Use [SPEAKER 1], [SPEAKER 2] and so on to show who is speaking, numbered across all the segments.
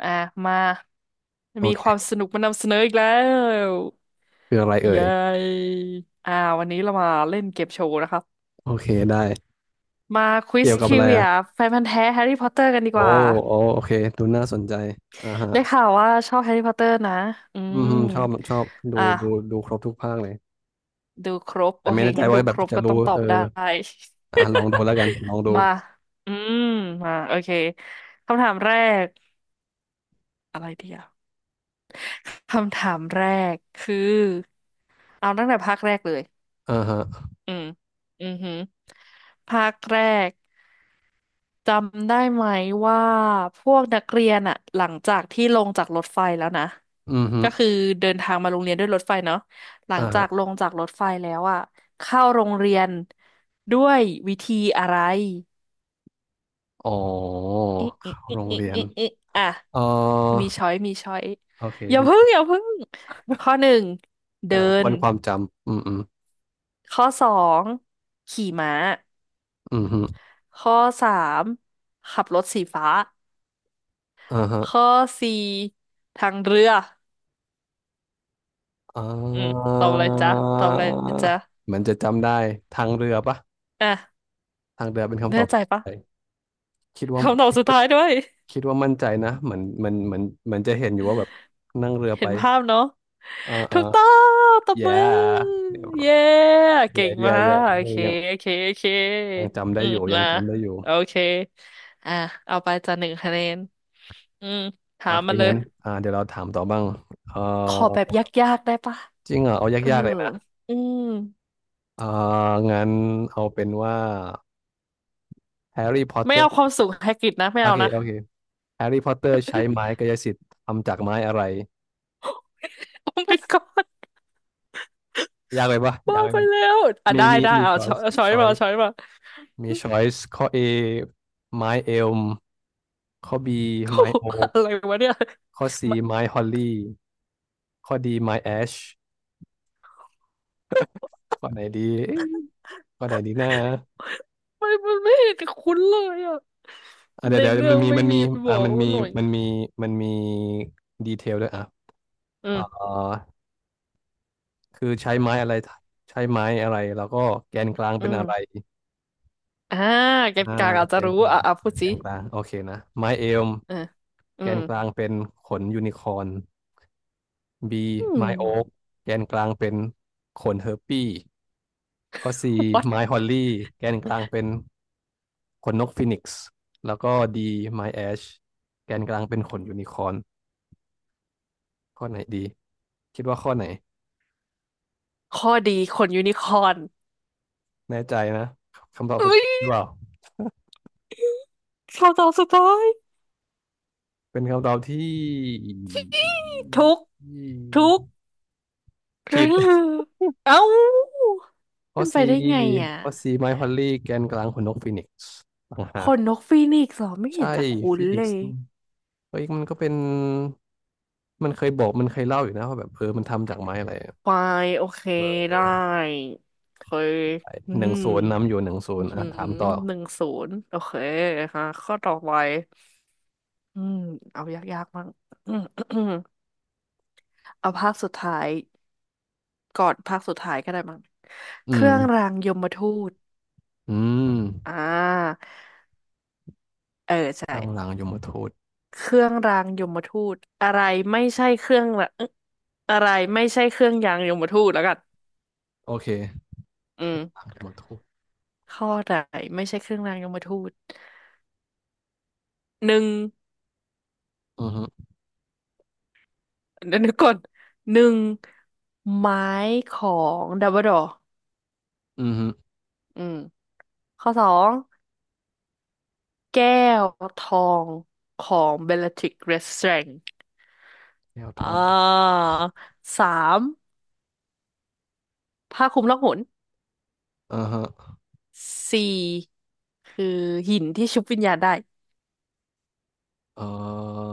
[SPEAKER 1] อ่ะมา
[SPEAKER 2] โอ
[SPEAKER 1] มีความ
[SPEAKER 2] เค
[SPEAKER 1] สนุกมานำเสนออีกแล้ว
[SPEAKER 2] คืออะไรเอ่ย
[SPEAKER 1] เย้อ่าวันนี้เรามาเล่นเกมโชว์นะครับ
[SPEAKER 2] โอเคได้
[SPEAKER 1] มาควิส
[SPEAKER 2] เกี่ยว
[SPEAKER 1] ท
[SPEAKER 2] กับ
[SPEAKER 1] ริ
[SPEAKER 2] อะไร
[SPEAKER 1] วิ
[SPEAKER 2] อ่ะ
[SPEAKER 1] อาแฟนพันธุ์แท้แฮร์รี่พอตเตอร์กันดี
[SPEAKER 2] โอ้
[SPEAKER 1] กว่า
[SPEAKER 2] โอ้โอเคดูน่าสนใจอ่า
[SPEAKER 1] ได้
[SPEAKER 2] ฮะ
[SPEAKER 1] ข่าวว่าชอบแฮร์รี่พอตเตอร์นะอื
[SPEAKER 2] อื
[SPEAKER 1] ม
[SPEAKER 2] มชอบชอบดู
[SPEAKER 1] อ่ะ
[SPEAKER 2] ดูครบทุกภาคเลย
[SPEAKER 1] ดูครบ
[SPEAKER 2] แต่
[SPEAKER 1] โอ
[SPEAKER 2] ไม่
[SPEAKER 1] เค
[SPEAKER 2] แน่ใจ
[SPEAKER 1] งั้น
[SPEAKER 2] ว่า
[SPEAKER 1] ดู
[SPEAKER 2] แบ
[SPEAKER 1] ค
[SPEAKER 2] บ
[SPEAKER 1] รบ
[SPEAKER 2] จะ
[SPEAKER 1] ก็
[SPEAKER 2] รู้
[SPEAKER 1] ต้องตอ
[SPEAKER 2] เอ
[SPEAKER 1] บ
[SPEAKER 2] อ
[SPEAKER 1] ได้
[SPEAKER 2] อ่ะลองดูแล้วกันล องดู
[SPEAKER 1] มาอืมมาโอเคคำถามแรกอะไรดีอ่ะคำถามแรกคือเอาตั้งแต่ภาคแรกเลย
[SPEAKER 2] อ่าฮะ
[SPEAKER 1] อืมอือหือภาคแรกจำได้ไหมว่าพวกนักเรียนอะหลังจากที่ลงจากรถไฟแล้วนะ
[SPEAKER 2] อืมฮึ
[SPEAKER 1] ก็คือเดินทางมาโรงเรียนด้วยรถไฟเนาะหลั
[SPEAKER 2] อ่า
[SPEAKER 1] งจา
[SPEAKER 2] ฮะ
[SPEAKER 1] กลงจากรถไฟแล้วอะเข้าโรงเรียนด้วยวิธีอะไร
[SPEAKER 2] อ๋อ
[SPEAKER 1] อิอิ
[SPEAKER 2] เข้า
[SPEAKER 1] อิ
[SPEAKER 2] โรง
[SPEAKER 1] อิ
[SPEAKER 2] เรียน
[SPEAKER 1] อิอิอ่ะ
[SPEAKER 2] เออ
[SPEAKER 1] มีช้อยมีช้อย
[SPEAKER 2] โอเค
[SPEAKER 1] อย่าเพึ่งอย่าเพึ่งข้อหนึ่งเดิ
[SPEAKER 2] กำลัง
[SPEAKER 1] น
[SPEAKER 2] ค้นความจำอืมอืม
[SPEAKER 1] ข้อสองขี่ม้า
[SPEAKER 2] อืมฮึ
[SPEAKER 1] ข้อสามขับรถสีฟ้า
[SPEAKER 2] อ่าฮะ
[SPEAKER 1] ข้อสี่ทางเรือ
[SPEAKER 2] อ่
[SPEAKER 1] อืม
[SPEAKER 2] า
[SPEAKER 1] ตอบอะไรจ๊ะตอบอะไรจ๊ะ
[SPEAKER 2] เหมือนจะจำได้ทางเรือปะ
[SPEAKER 1] อ่ะ
[SPEAKER 2] ทางเรือเป็นคำต
[SPEAKER 1] แน่
[SPEAKER 2] อบ
[SPEAKER 1] ใจ
[SPEAKER 2] ที่
[SPEAKER 1] ปะ
[SPEAKER 2] ใช่คิดว่า
[SPEAKER 1] คำตอบสุดท้ายด้วย
[SPEAKER 2] คิดว่ามั่นใจนะเหมือนเหมือนจะเห็นอยู่ว่าแบบนั่งเรือ
[SPEAKER 1] เห็
[SPEAKER 2] ไป
[SPEAKER 1] นภาพเนาะ
[SPEAKER 2] อ่าอ่า
[SPEAKER 1] ถูกต้องตบ
[SPEAKER 2] แย่
[SPEAKER 1] มือ
[SPEAKER 2] เดี๋ยว
[SPEAKER 1] เย้เก่
[SPEAKER 2] แย่
[SPEAKER 1] ง
[SPEAKER 2] แย่
[SPEAKER 1] มา
[SPEAKER 2] แย่
[SPEAKER 1] กโอเค
[SPEAKER 2] ยัง
[SPEAKER 1] โอเคโอเค
[SPEAKER 2] ยังจำได้
[SPEAKER 1] อืม
[SPEAKER 2] อยู่ยัง
[SPEAKER 1] มา
[SPEAKER 2] จำได้อยู่
[SPEAKER 1] โอเคอ่ะเอาไปจ้ะ1 คะแนนอืม
[SPEAKER 2] โอ
[SPEAKER 1] ถาม
[SPEAKER 2] เค
[SPEAKER 1] มาเลย
[SPEAKER 2] งั้นอ่าเดี๋ยวเราถามต่อบ้างเอ
[SPEAKER 1] ขอแบ
[SPEAKER 2] อ
[SPEAKER 1] บยากๆได้ปะ
[SPEAKER 2] จริงเหรอเอา
[SPEAKER 1] เออ
[SPEAKER 2] ยากๆเลยนะ
[SPEAKER 1] อืม
[SPEAKER 2] อ่างั้นเอาเป็นว่าแฮร์รี่พอตเต
[SPEAKER 1] ไม่
[SPEAKER 2] อ
[SPEAKER 1] เอา
[SPEAKER 2] ร์
[SPEAKER 1] ความสูงไฮกริดนะไม่
[SPEAKER 2] โอ
[SPEAKER 1] เอา
[SPEAKER 2] เค
[SPEAKER 1] นะ
[SPEAKER 2] โอเคแฮร์รี่พอตเตอร์ใช้ไม้กายสิทธิ์ทำจากไม้อะไร
[SPEAKER 1] โอ้ my god
[SPEAKER 2] ยากเลยปะ
[SPEAKER 1] บ้า
[SPEAKER 2] ยากเลย
[SPEAKER 1] ไปแล้วอ่ะได้ได้
[SPEAKER 2] มี
[SPEAKER 1] เอา
[SPEAKER 2] ช้อย
[SPEAKER 1] ช้อย
[SPEAKER 2] ส์
[SPEAKER 1] เอา
[SPEAKER 2] มี
[SPEAKER 1] ช้อย
[SPEAKER 2] ช้อ
[SPEAKER 1] มา
[SPEAKER 2] ย
[SPEAKER 1] เอา
[SPEAKER 2] ส์
[SPEAKER 1] ช้อยมา
[SPEAKER 2] มี ช้อยส์ข้อ A ไม้เอลมข้อ B
[SPEAKER 1] โอ้
[SPEAKER 2] ไม้
[SPEAKER 1] โห
[SPEAKER 2] โอ
[SPEAKER 1] อะไรวะเนี่ย
[SPEAKER 2] ข้อ C
[SPEAKER 1] ไ
[SPEAKER 2] ไม้ฮอลลี่ข้อ D ไม้แอชข้อไหนดีเอ๊ะข้อไหนดีนะ
[SPEAKER 1] มันมัมันไม่เห็นคุ้นเลยอ่ะ
[SPEAKER 2] อ่ะ
[SPEAKER 1] ใน
[SPEAKER 2] เดี๋ยว
[SPEAKER 1] เรื่อ
[SPEAKER 2] มัน
[SPEAKER 1] ง
[SPEAKER 2] มี
[SPEAKER 1] ไม่
[SPEAKER 2] มัน
[SPEAKER 1] มี
[SPEAKER 2] มี
[SPEAKER 1] บ
[SPEAKER 2] อ่ะ
[SPEAKER 1] อก
[SPEAKER 2] มันมี
[SPEAKER 1] หน่อย
[SPEAKER 2] มันมีมันมีดีเทลด้วยอ่ะ
[SPEAKER 1] อืม
[SPEAKER 2] อ่าคือใช้ไม้อะไรใช้ไม้อะไรแล้วก็แกนกลาง
[SPEAKER 1] อื
[SPEAKER 2] เป็นอะไร
[SPEAKER 1] มอ่าเกณ
[SPEAKER 2] อ่า
[SPEAKER 1] ฑ์กลางอาจ
[SPEAKER 2] แก
[SPEAKER 1] จะ
[SPEAKER 2] น
[SPEAKER 1] รู้
[SPEAKER 2] กลา
[SPEAKER 1] อ่ะ
[SPEAKER 2] ง
[SPEAKER 1] อ่ะพูด
[SPEAKER 2] แก
[SPEAKER 1] สิ
[SPEAKER 2] นกลางโอเคนะไม้เอลม
[SPEAKER 1] เอออื
[SPEAKER 2] แก
[SPEAKER 1] ม
[SPEAKER 2] นกลางเป็นขนยูนิคอร์น B
[SPEAKER 1] อืม
[SPEAKER 2] ไม้โอ๊กแกนกลางเป็นขนเฮอร์ปี้ข้อ C
[SPEAKER 1] what
[SPEAKER 2] ไม้ฮอลลี่แกนกลางเป็น ขนนกฟินิกซ์แล้วก็ดีไมแอชแกนกลางเป็นขนยูนิคอร์นข้อไหนดีคิดว่าข้อไหน
[SPEAKER 1] ข้อดีขนยูนิคอร์น
[SPEAKER 2] แน่ใจนะคำตอบสุด
[SPEAKER 1] เอ้
[SPEAKER 2] ท้ายหรือ
[SPEAKER 1] ย
[SPEAKER 2] เปล่า
[SPEAKER 1] คำตอบสุดท้าย
[SPEAKER 2] เป็นคำตอบที่
[SPEAKER 1] ทุกทุก
[SPEAKER 2] ผิด
[SPEAKER 1] เอ้า
[SPEAKER 2] ข้อ
[SPEAKER 1] เป็น
[SPEAKER 2] C
[SPEAKER 1] ไปได้ไงอ่ะ
[SPEAKER 2] ข้อ C ไมค์พอลลี่แกนกลางขนนกฟินิกซ์ต่างหา
[SPEAKER 1] ข
[SPEAKER 2] ก
[SPEAKER 1] นนกฟีนิกซ์เหรอไม่เห็
[SPEAKER 2] ใช่
[SPEAKER 1] นจะคุ้น
[SPEAKER 2] ฟินิ
[SPEAKER 1] เล
[SPEAKER 2] ก
[SPEAKER 1] ย
[SPEAKER 2] ซ์เฮ้ยมันก็เป็นเคยบอกมันเคยเล่าอยู่นะว่าแบบเออมันทำจากไม้อะไรอะ
[SPEAKER 1] ไฟโอเค
[SPEAKER 2] เออ
[SPEAKER 1] ได้เคยอื
[SPEAKER 2] หนึ่ง
[SPEAKER 1] ม
[SPEAKER 2] ศูนย์นำอยู่หนึ่งศู
[SPEAKER 1] อื
[SPEAKER 2] น
[SPEAKER 1] อ
[SPEAKER 2] ย์
[SPEAKER 1] หื
[SPEAKER 2] อ่ะ
[SPEAKER 1] อ
[SPEAKER 2] ถามต่อ
[SPEAKER 1] หนึ่งศูนย์โอเคค่ะข้อต่อไปอืมเอายากๆมั้ง อืม เอาภาคสุดท้ายก่อนภาคสุดท้ายก็ได้มั้ง
[SPEAKER 2] อื
[SPEAKER 1] เค
[SPEAKER 2] ม
[SPEAKER 1] รื่องรางยมทูต
[SPEAKER 2] อืม
[SPEAKER 1] อ่าเออใช่
[SPEAKER 2] ตั้งหลังยมทูต
[SPEAKER 1] เครื่องรางยมทูตอะไรไม่ใช่เครื่องละอะไรไม่ใช่เครื่องยางยมทูตแล้วกัน
[SPEAKER 2] โอเค
[SPEAKER 1] อืม
[SPEAKER 2] หลังยมทูต
[SPEAKER 1] ข้อไหนไม่ใช่เครื่องรางยมทูตหนึ่ง
[SPEAKER 2] อือฮึ
[SPEAKER 1] เดี๋ยวนึกก่อนหนึ่งไม้ของดัมเบิลดอร์
[SPEAKER 2] อือฮึ
[SPEAKER 1] อืมข้อสองแก้วทองของเบลล r ทริกเรสแตรง
[SPEAKER 2] แก้วท
[SPEAKER 1] อ่
[SPEAKER 2] อง
[SPEAKER 1] าสามผ้าคลุมล่องหน
[SPEAKER 2] อ่าฮะ
[SPEAKER 1] สี่คือหินที่ชุบวิญญาณได้
[SPEAKER 2] เอ่อ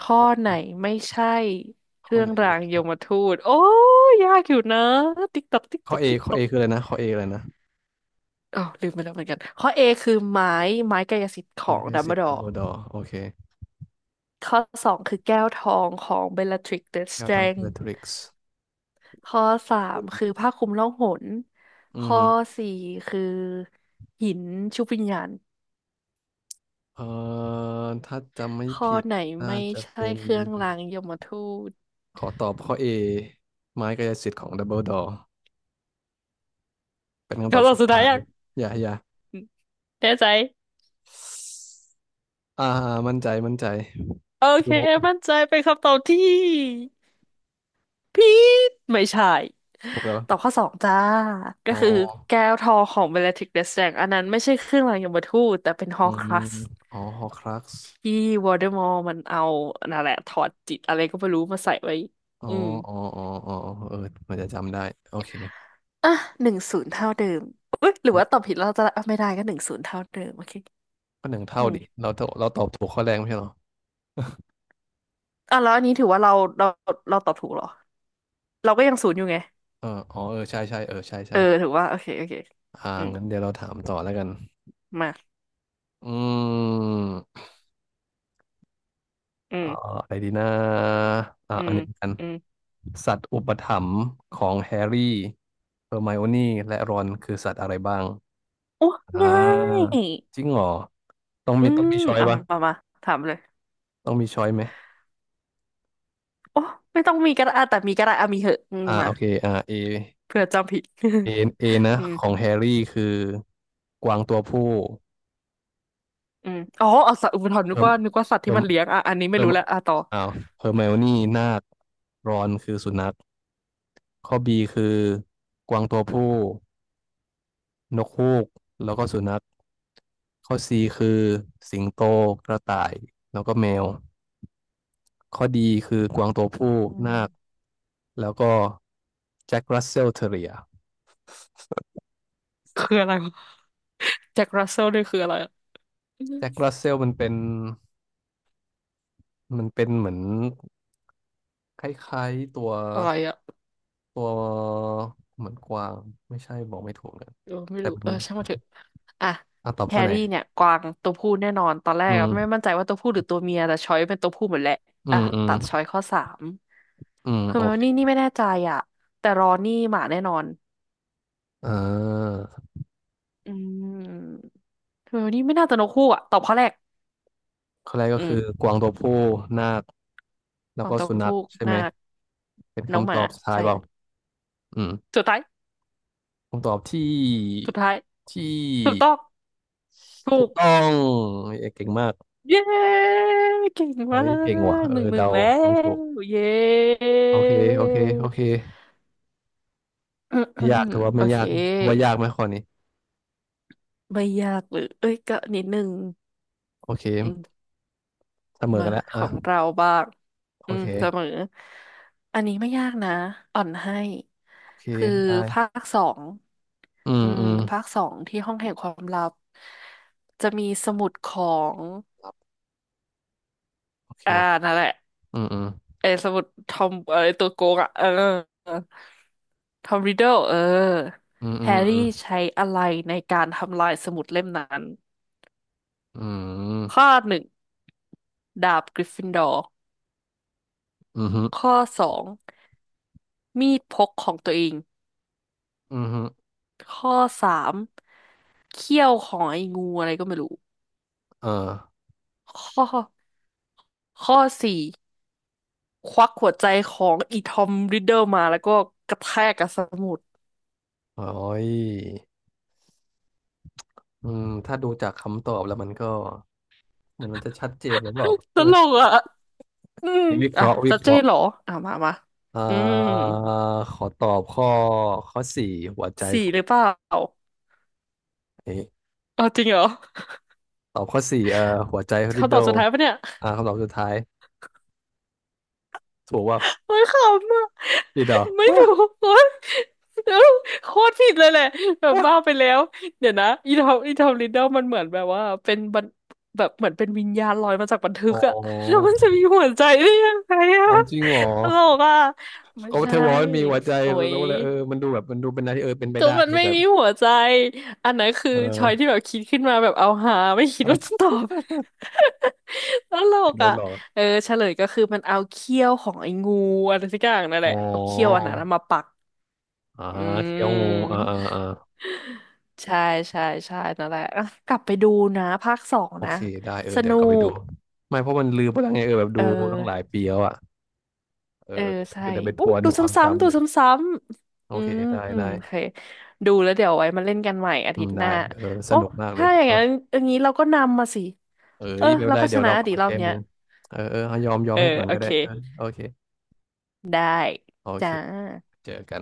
[SPEAKER 1] ข้อ
[SPEAKER 2] ข้อ
[SPEAKER 1] ไหนไม่ใช่เค
[SPEAKER 2] ข้อ
[SPEAKER 1] รื่อง
[SPEAKER 2] ไหน
[SPEAKER 1] รา
[SPEAKER 2] วะ
[SPEAKER 1] งยมทูตโอ้ยยากอยู่นะติ๊กตอกติ๊ก
[SPEAKER 2] ข้
[SPEAKER 1] ต
[SPEAKER 2] อ
[SPEAKER 1] อก
[SPEAKER 2] เอ
[SPEAKER 1] ติ๊ก
[SPEAKER 2] ข้อ
[SPEAKER 1] ตอ
[SPEAKER 2] เอ
[SPEAKER 1] ก
[SPEAKER 2] คืออะไรนะข้อเออะไรนะ
[SPEAKER 1] อ๋อ ลืมไปแล้วเหมือนกัน ข้อ A คือไม้ไม้กายสิทธิ์ขอ
[SPEAKER 2] มา
[SPEAKER 1] ง
[SPEAKER 2] เก
[SPEAKER 1] ดัม
[SPEAKER 2] สิ
[SPEAKER 1] เบิล
[SPEAKER 2] ต
[SPEAKER 1] ดอ
[SPEAKER 2] ดัม
[SPEAKER 1] ร์
[SPEAKER 2] เบิลดอร์โอเค
[SPEAKER 1] ข้อสองคือแก้วทองของเบลลาทริกซ์เดอะส
[SPEAKER 2] แก้
[SPEAKER 1] เต
[SPEAKER 2] ว
[SPEAKER 1] ร
[SPEAKER 2] ทอง
[SPEAKER 1] น
[SPEAKER 2] เด
[SPEAKER 1] จ์
[SPEAKER 2] อะทริกซ์
[SPEAKER 1] ข้อสามคือผ้าคลุมล่องหน
[SPEAKER 2] อือ
[SPEAKER 1] ข้อ
[SPEAKER 2] ฮึ
[SPEAKER 1] สี่คือหินชุบวิญญาณ
[SPEAKER 2] เอ่อถ้าจำไม่
[SPEAKER 1] ข้อ
[SPEAKER 2] ผิด
[SPEAKER 1] ไหน
[SPEAKER 2] น่า
[SPEAKER 1] ไม่
[SPEAKER 2] จะ
[SPEAKER 1] ใช่
[SPEAKER 2] เป็น
[SPEAKER 1] เครื่องรางยมทูต
[SPEAKER 2] ขอตอบข้อเอไม้กายสิทธิ์ของดัมเบิลดอร์เป็นคำตอบ
[SPEAKER 1] คำตอ
[SPEAKER 2] สุ
[SPEAKER 1] บ
[SPEAKER 2] ด
[SPEAKER 1] สุดท้าย
[SPEAKER 2] ท้าย
[SPEAKER 1] ยัง
[SPEAKER 2] อย่าอย่า
[SPEAKER 1] แน่ใจ
[SPEAKER 2] อ่ามั่นใจมั่นใจ
[SPEAKER 1] โอเค
[SPEAKER 2] ดู
[SPEAKER 1] มั่นใจเป็นคำตอบที่ผิดไม่ใช่
[SPEAKER 2] ถูกแล้ว
[SPEAKER 1] ตอบข้อสองจ้าก็
[SPEAKER 2] อ๋อ
[SPEAKER 1] คือแก้วทองของเบลลาทริกซ์แดสแดงอันนั้นไม่ใช่เครื่องรางยมทูตแต่เป็นฮ
[SPEAKER 2] อื
[SPEAKER 1] อร์ค
[SPEAKER 2] ม
[SPEAKER 1] รักซ์
[SPEAKER 2] อ๋อฮอครักซ์
[SPEAKER 1] ที่วอลเดอมอร์มันเอานั่นแหละถอดจิตอะไรก็ไม่รู้มาใส่ไว้
[SPEAKER 2] อ๋อ
[SPEAKER 1] อืม
[SPEAKER 2] อ๋ออ๋ออ๋อเออมันจะจำได้โอเค
[SPEAKER 1] อ่ะหนึ่งศูนย์เท่าเดิมอุ๊ยหรือว่าตอบผิดแล้วเราจะอ่ะไม่ได้ก็หนึ่งศูนย์เท่าเดิมโอเค
[SPEAKER 2] ก็หนึ่ง
[SPEAKER 1] อื
[SPEAKER 2] เท่าดิ
[SPEAKER 1] ม
[SPEAKER 2] เราตอบเราตอบถูกข้อแรกไม่ใช่เหรอ
[SPEAKER 1] อ่ะแล้วอันนี้ถือว่าเราเราตอบถูกเหรอเราก็ยังศูนย์อยู่ไง
[SPEAKER 2] เออเออใช่ ใช่เออใช่
[SPEAKER 1] เอ
[SPEAKER 2] ใช่
[SPEAKER 1] อถือว่าโอเคโอเค
[SPEAKER 2] อ่า
[SPEAKER 1] อืม
[SPEAKER 2] งั้นเดี๋ยวเราถามต่อแล้วกัน
[SPEAKER 1] มา
[SPEAKER 2] อืม
[SPEAKER 1] อื
[SPEAKER 2] เอ่อ
[SPEAKER 1] ม
[SPEAKER 2] อะไรดีนะอ่า
[SPEAKER 1] อื
[SPEAKER 2] อัน
[SPEAKER 1] ม
[SPEAKER 2] นี้กัน
[SPEAKER 1] อืม
[SPEAKER 2] สัตว์อุปถัมภ์ของแฮร์รี่เฮอร์ไมโอนี่และรอนคือสัตว์อะไรบ้าง
[SPEAKER 1] โอ้
[SPEAKER 2] อ่า
[SPEAKER 1] ง่าย
[SPEAKER 2] จริงเหรอต้อง
[SPEAKER 1] อื
[SPEAKER 2] มี
[SPEAKER 1] ม
[SPEAKER 2] ช้อย
[SPEAKER 1] เอา
[SPEAKER 2] ปะ
[SPEAKER 1] มามามาถามเลย
[SPEAKER 2] ต้องมีช้อยไหม
[SPEAKER 1] โอ้ไม่ต้องมีก็ได้อ่ะแต่มีก็ได้อ่ะมีเหอะอืม
[SPEAKER 2] อ่า
[SPEAKER 1] มา
[SPEAKER 2] โอเคอ่าเอ
[SPEAKER 1] เผื่อจำผิด
[SPEAKER 2] เอเอ นะ
[SPEAKER 1] อืม
[SPEAKER 2] ของแฮร์รี่คือกวางตัวผู้
[SPEAKER 1] อืมอ๋อเอาสัตว์อุปทานนึก
[SPEAKER 2] เฮิร์ม
[SPEAKER 1] ว่านึกว่าสัตว์
[SPEAKER 2] เฮิ
[SPEAKER 1] ที่
[SPEAKER 2] ร์ม
[SPEAKER 1] มันเลี้ยงอ่ะอันนี้ไม่
[SPEAKER 2] เฮิร์
[SPEAKER 1] รู้
[SPEAKER 2] ม
[SPEAKER 1] แล้วอ่ะต่อ
[SPEAKER 2] อ้าวเฮอร์ไมโอนี่นาครอนคือสุนัขข้อบีคือกวางตัวผู้นกฮูกแล้วก็สุนัขข้อซีคือสิงโตกระต่ายแล้วก็แมวข้อดีคือกวางตัวผู้
[SPEAKER 1] อืม
[SPEAKER 2] นาคแล้วก็แจ็ครัสเซลเท r เรีย
[SPEAKER 1] คืออะไรวะแจ็ครัสเซลนี่คืออะไรอะอืม
[SPEAKER 2] แจ็ครัสเซลมันเป็นเหมือนคล้ายๆตัว
[SPEAKER 1] อะไรอะ
[SPEAKER 2] ตัวเหมือนกวางไม่ใช่บอกไม่ถูกเลย
[SPEAKER 1] เออไม่
[SPEAKER 2] แต่
[SPEAKER 1] รู้
[SPEAKER 2] มั
[SPEAKER 1] เอ
[SPEAKER 2] น
[SPEAKER 1] อช่างมันเถอะอ่ะ
[SPEAKER 2] อ่ะตอบ
[SPEAKER 1] แฮ
[SPEAKER 2] ข้อ
[SPEAKER 1] ร์
[SPEAKER 2] ไหน
[SPEAKER 1] รี่เนี่ยกวางตัวผู้แน่นอนตอนแร
[SPEAKER 2] อื
[SPEAKER 1] กอะไม่
[SPEAKER 2] ม
[SPEAKER 1] มั่นใจว่าตัวผู้หรือตัวเมียแต่ช้อยเป็นตัวผู้หมดแหละ
[SPEAKER 2] อื
[SPEAKER 1] อ่ะ
[SPEAKER 2] ม
[SPEAKER 1] ตัดช้อยข้อสามคือ
[SPEAKER 2] โอ
[SPEAKER 1] เมล
[SPEAKER 2] เค
[SPEAKER 1] นี่นี่ไม่แน่ใจอ่ะแต่รอนนี่หมาแน่นอน
[SPEAKER 2] อ่า
[SPEAKER 1] อืมเมลนี่ไม่น่าจะนกคู่อ่ะตอบข้อแรก
[SPEAKER 2] ข้อแรกก็
[SPEAKER 1] อืม
[SPEAKER 2] คือกวางตัวผู้นาคแล้
[SPEAKER 1] ฟ
[SPEAKER 2] ว
[SPEAKER 1] อง
[SPEAKER 2] ก็
[SPEAKER 1] เต้า
[SPEAKER 2] สุนัข
[SPEAKER 1] หู้
[SPEAKER 2] ใช่ไห
[SPEAKER 1] นา
[SPEAKER 2] ม
[SPEAKER 1] ค
[SPEAKER 2] เป็น
[SPEAKER 1] น้องห
[SPEAKER 2] คำต
[SPEAKER 1] มา
[SPEAKER 2] อบสุดท้าย
[SPEAKER 1] ใช่
[SPEAKER 2] เปล่าอืม
[SPEAKER 1] สุดท้าย
[SPEAKER 2] คำตอบที่
[SPEAKER 1] สุดท้าย
[SPEAKER 2] ที่
[SPEAKER 1] ถูกต้องถู
[SPEAKER 2] ถูก
[SPEAKER 1] ก
[SPEAKER 2] ต้องเอ้ยเก่งมาก
[SPEAKER 1] เย้เก่งมา
[SPEAKER 2] เฮ้ยเก่งว่ะ
[SPEAKER 1] ก
[SPEAKER 2] เอ
[SPEAKER 1] หนึ่
[SPEAKER 2] อ
[SPEAKER 1] งหนึ่ง
[SPEAKER 2] เดา
[SPEAKER 1] แล้
[SPEAKER 2] เดาถู
[SPEAKER 1] ว
[SPEAKER 2] ก
[SPEAKER 1] เย้
[SPEAKER 2] โอเคโอเคโอเค
[SPEAKER 1] อืมอื
[SPEAKER 2] ไม่
[SPEAKER 1] ม
[SPEAKER 2] ยากถือว่า
[SPEAKER 1] โอ
[SPEAKER 2] ไม่
[SPEAKER 1] เค
[SPEAKER 2] ยากว่ายากไหมข้อนี้
[SPEAKER 1] ไม่ยากหรือเอ้ยก็นิดนึง
[SPEAKER 2] โอเค
[SPEAKER 1] อืม
[SPEAKER 2] เสมอ
[SPEAKER 1] มา
[SPEAKER 2] กันแล้ว
[SPEAKER 1] ข
[SPEAKER 2] อ่ะ
[SPEAKER 1] องเราบ้าง
[SPEAKER 2] โอ
[SPEAKER 1] อืม
[SPEAKER 2] เค
[SPEAKER 1] เสมออันนี้ไม่ยากนะอ่อนให้
[SPEAKER 2] โอเค
[SPEAKER 1] คือ
[SPEAKER 2] ได้
[SPEAKER 1] ภาคสอง
[SPEAKER 2] อืม
[SPEAKER 1] อืม
[SPEAKER 2] อืม
[SPEAKER 1] ภาคสองที่ห้องแห่งความลับจะมีสมุดของ
[SPEAKER 2] โอเค
[SPEAKER 1] อ่านั่นแหละ
[SPEAKER 2] อืมอืม
[SPEAKER 1] ไอ้สมุดทอมเออไอ้ตัวโกงอ่ะเออทอมริดเดิลเออ
[SPEAKER 2] อืมอื
[SPEAKER 1] แฮ
[SPEAKER 2] ม
[SPEAKER 1] ร์รี่ใช้อะไรในการทำลายสมุดเล่มนั้น
[SPEAKER 2] อืม
[SPEAKER 1] ข้อหนึ่งดาบกริฟฟินดอร์
[SPEAKER 2] อืม
[SPEAKER 1] ข้อสองมีดพกของตัวเอง
[SPEAKER 2] อืมฮึ
[SPEAKER 1] ข้อสามเขี้ยวของไอ้งูอะไรก็ไม่รู้
[SPEAKER 2] เออ
[SPEAKER 1] ข้อข้อสี่ควักหัวใจของอีทอมริดเดิลมาแล้วก็กระแทกกับสมุด
[SPEAKER 2] โอ้ยอืมถ้าดูจากคำตอบแล้วมันก็เหมือนมันจะชัดเจนหรือเปล่า
[SPEAKER 1] ต
[SPEAKER 2] ใช่ไหม
[SPEAKER 1] ลกอ่ะอืม
[SPEAKER 2] นี่วิเค
[SPEAKER 1] อ่ะ
[SPEAKER 2] ราะห์วิ
[SPEAKER 1] จะ
[SPEAKER 2] เค
[SPEAKER 1] เจ๊
[SPEAKER 2] ราะห์
[SPEAKER 1] เหรออ่ะมามา
[SPEAKER 2] อ่า
[SPEAKER 1] อืม
[SPEAKER 2] ขอตอบข้อข้อสี่หัวใจ
[SPEAKER 1] สี่
[SPEAKER 2] ขอ
[SPEAKER 1] หรือ
[SPEAKER 2] ง
[SPEAKER 1] เปล่า
[SPEAKER 2] ไอ้
[SPEAKER 1] เอาจริงเหรอ
[SPEAKER 2] ตอบข้อสี่เอ่อหัวใจริด
[SPEAKER 1] คำต
[SPEAKER 2] เดิ
[SPEAKER 1] อบ
[SPEAKER 2] ล
[SPEAKER 1] สุดท้ายปะเนี่ย
[SPEAKER 2] อ่าคำตอบสุดท้ายถูกว่า
[SPEAKER 1] โอ้ยขำอ่ะ
[SPEAKER 2] ริดเดิ
[SPEAKER 1] ไม่
[SPEAKER 2] ล
[SPEAKER 1] ถูก โอ้ยเอ้าโคตรผิดเลยแหละแบบบ้าไป แล้ว เดี๋ยวนะอีทอมอีทอมลิดเดิลมันเหมือนแบบว่าเป็นบันแบบเหมือนเป็นวิญญาณลอยมาจากบันทึ
[SPEAKER 2] อ๋
[SPEAKER 1] กอะแล้ว
[SPEAKER 2] อ
[SPEAKER 1] มันจะมีหัวใจได้ยังไงอะ
[SPEAKER 2] อ๋อจริงเหรอ
[SPEAKER 1] ตลกอะไม่
[SPEAKER 2] ก็
[SPEAKER 1] ใช่
[SPEAKER 2] เทวอนมีหัวใจ
[SPEAKER 1] โอ้
[SPEAKER 2] แล้ว
[SPEAKER 1] ย
[SPEAKER 2] ก็เลยเออมันดูแบบดูเป็นอะไรที่เออเป็นไป
[SPEAKER 1] ก็
[SPEAKER 2] ได้
[SPEAKER 1] มัน
[SPEAKER 2] ดู
[SPEAKER 1] ไม่
[SPEAKER 2] แบบ
[SPEAKER 1] มีหัวใจ อันนั้นคือ
[SPEAKER 2] เอ
[SPEAKER 1] ชอย
[SPEAKER 2] อ
[SPEAKER 1] ที่แบบคิดขึ้นมาแบบเอาหาไม่คิดว่าจะตอบ ตลก
[SPEAKER 2] โดนรถ
[SPEAKER 1] อ่ะ
[SPEAKER 2] เหรอ
[SPEAKER 1] เออเฉลยก็คือมันเอาเขี้ยวของไอ้งูอะไรสักอย่างนั่นแห
[SPEAKER 2] อ๋อ
[SPEAKER 1] ละเอาเขี้ยวอันนั้นมาปัก
[SPEAKER 2] อ่า
[SPEAKER 1] อื
[SPEAKER 2] เที่ยวงูอ่า
[SPEAKER 1] ม
[SPEAKER 2] อ่าอ่า
[SPEAKER 1] ใช่ใช่ใช่นั่นแหละอ่ะกลับไปดูนะภาคสอง
[SPEAKER 2] โอ
[SPEAKER 1] นะ
[SPEAKER 2] เคได้เออ
[SPEAKER 1] ส
[SPEAKER 2] เดี๋ย
[SPEAKER 1] นุ
[SPEAKER 2] วกลับไปดู
[SPEAKER 1] ก
[SPEAKER 2] ไม่เพราะมันลืมไปแล้วไงเออแบบดู
[SPEAKER 1] เออ
[SPEAKER 2] ตั้งหลายปีแล้วอ่ะเออ
[SPEAKER 1] เออใช่
[SPEAKER 2] ก็เดี๋ยวไปท
[SPEAKER 1] อู้
[SPEAKER 2] วน
[SPEAKER 1] ดู
[SPEAKER 2] ค
[SPEAKER 1] ซ
[SPEAKER 2] วาม
[SPEAKER 1] ้ำๆ
[SPEAKER 2] จำ
[SPEAKER 1] ดู
[SPEAKER 2] เลย
[SPEAKER 1] ซ้ำ
[SPEAKER 2] โอ
[SPEAKER 1] ๆอื
[SPEAKER 2] เค
[SPEAKER 1] ม
[SPEAKER 2] ได้ได้
[SPEAKER 1] โอเคดูแล้วเดี๋ยวไว้มาเล่นกันใหม่อา
[SPEAKER 2] อื
[SPEAKER 1] ทิ
[SPEAKER 2] ม
[SPEAKER 1] ตย์ห
[SPEAKER 2] ได้
[SPEAKER 1] น้า
[SPEAKER 2] เออส
[SPEAKER 1] โอ้
[SPEAKER 2] นุกมากเลย
[SPEAKER 1] ถ้าอย่าง
[SPEAKER 2] เอา
[SPEAKER 1] นั้นอย่างนี้เราก็นำมาสิ
[SPEAKER 2] เอ้
[SPEAKER 1] เออ
[SPEAKER 2] ยไม่เป็น
[SPEAKER 1] เรา
[SPEAKER 2] ไร
[SPEAKER 1] ก็ช
[SPEAKER 2] เดี๋ยว
[SPEAKER 1] นะ
[SPEAKER 2] เรากลับ
[SPEAKER 1] ดี
[SPEAKER 2] ไป
[SPEAKER 1] รอบ
[SPEAKER 2] เต้ม
[SPEAKER 1] เนี้ย
[SPEAKER 2] มือเออเออยอมยอม
[SPEAKER 1] เออ
[SPEAKER 2] ให้ก่อน
[SPEAKER 1] โอ
[SPEAKER 2] ก็
[SPEAKER 1] เค
[SPEAKER 2] ได้เออโอเค
[SPEAKER 1] ได้
[SPEAKER 2] โอเค
[SPEAKER 1] จ้า
[SPEAKER 2] เจอกัน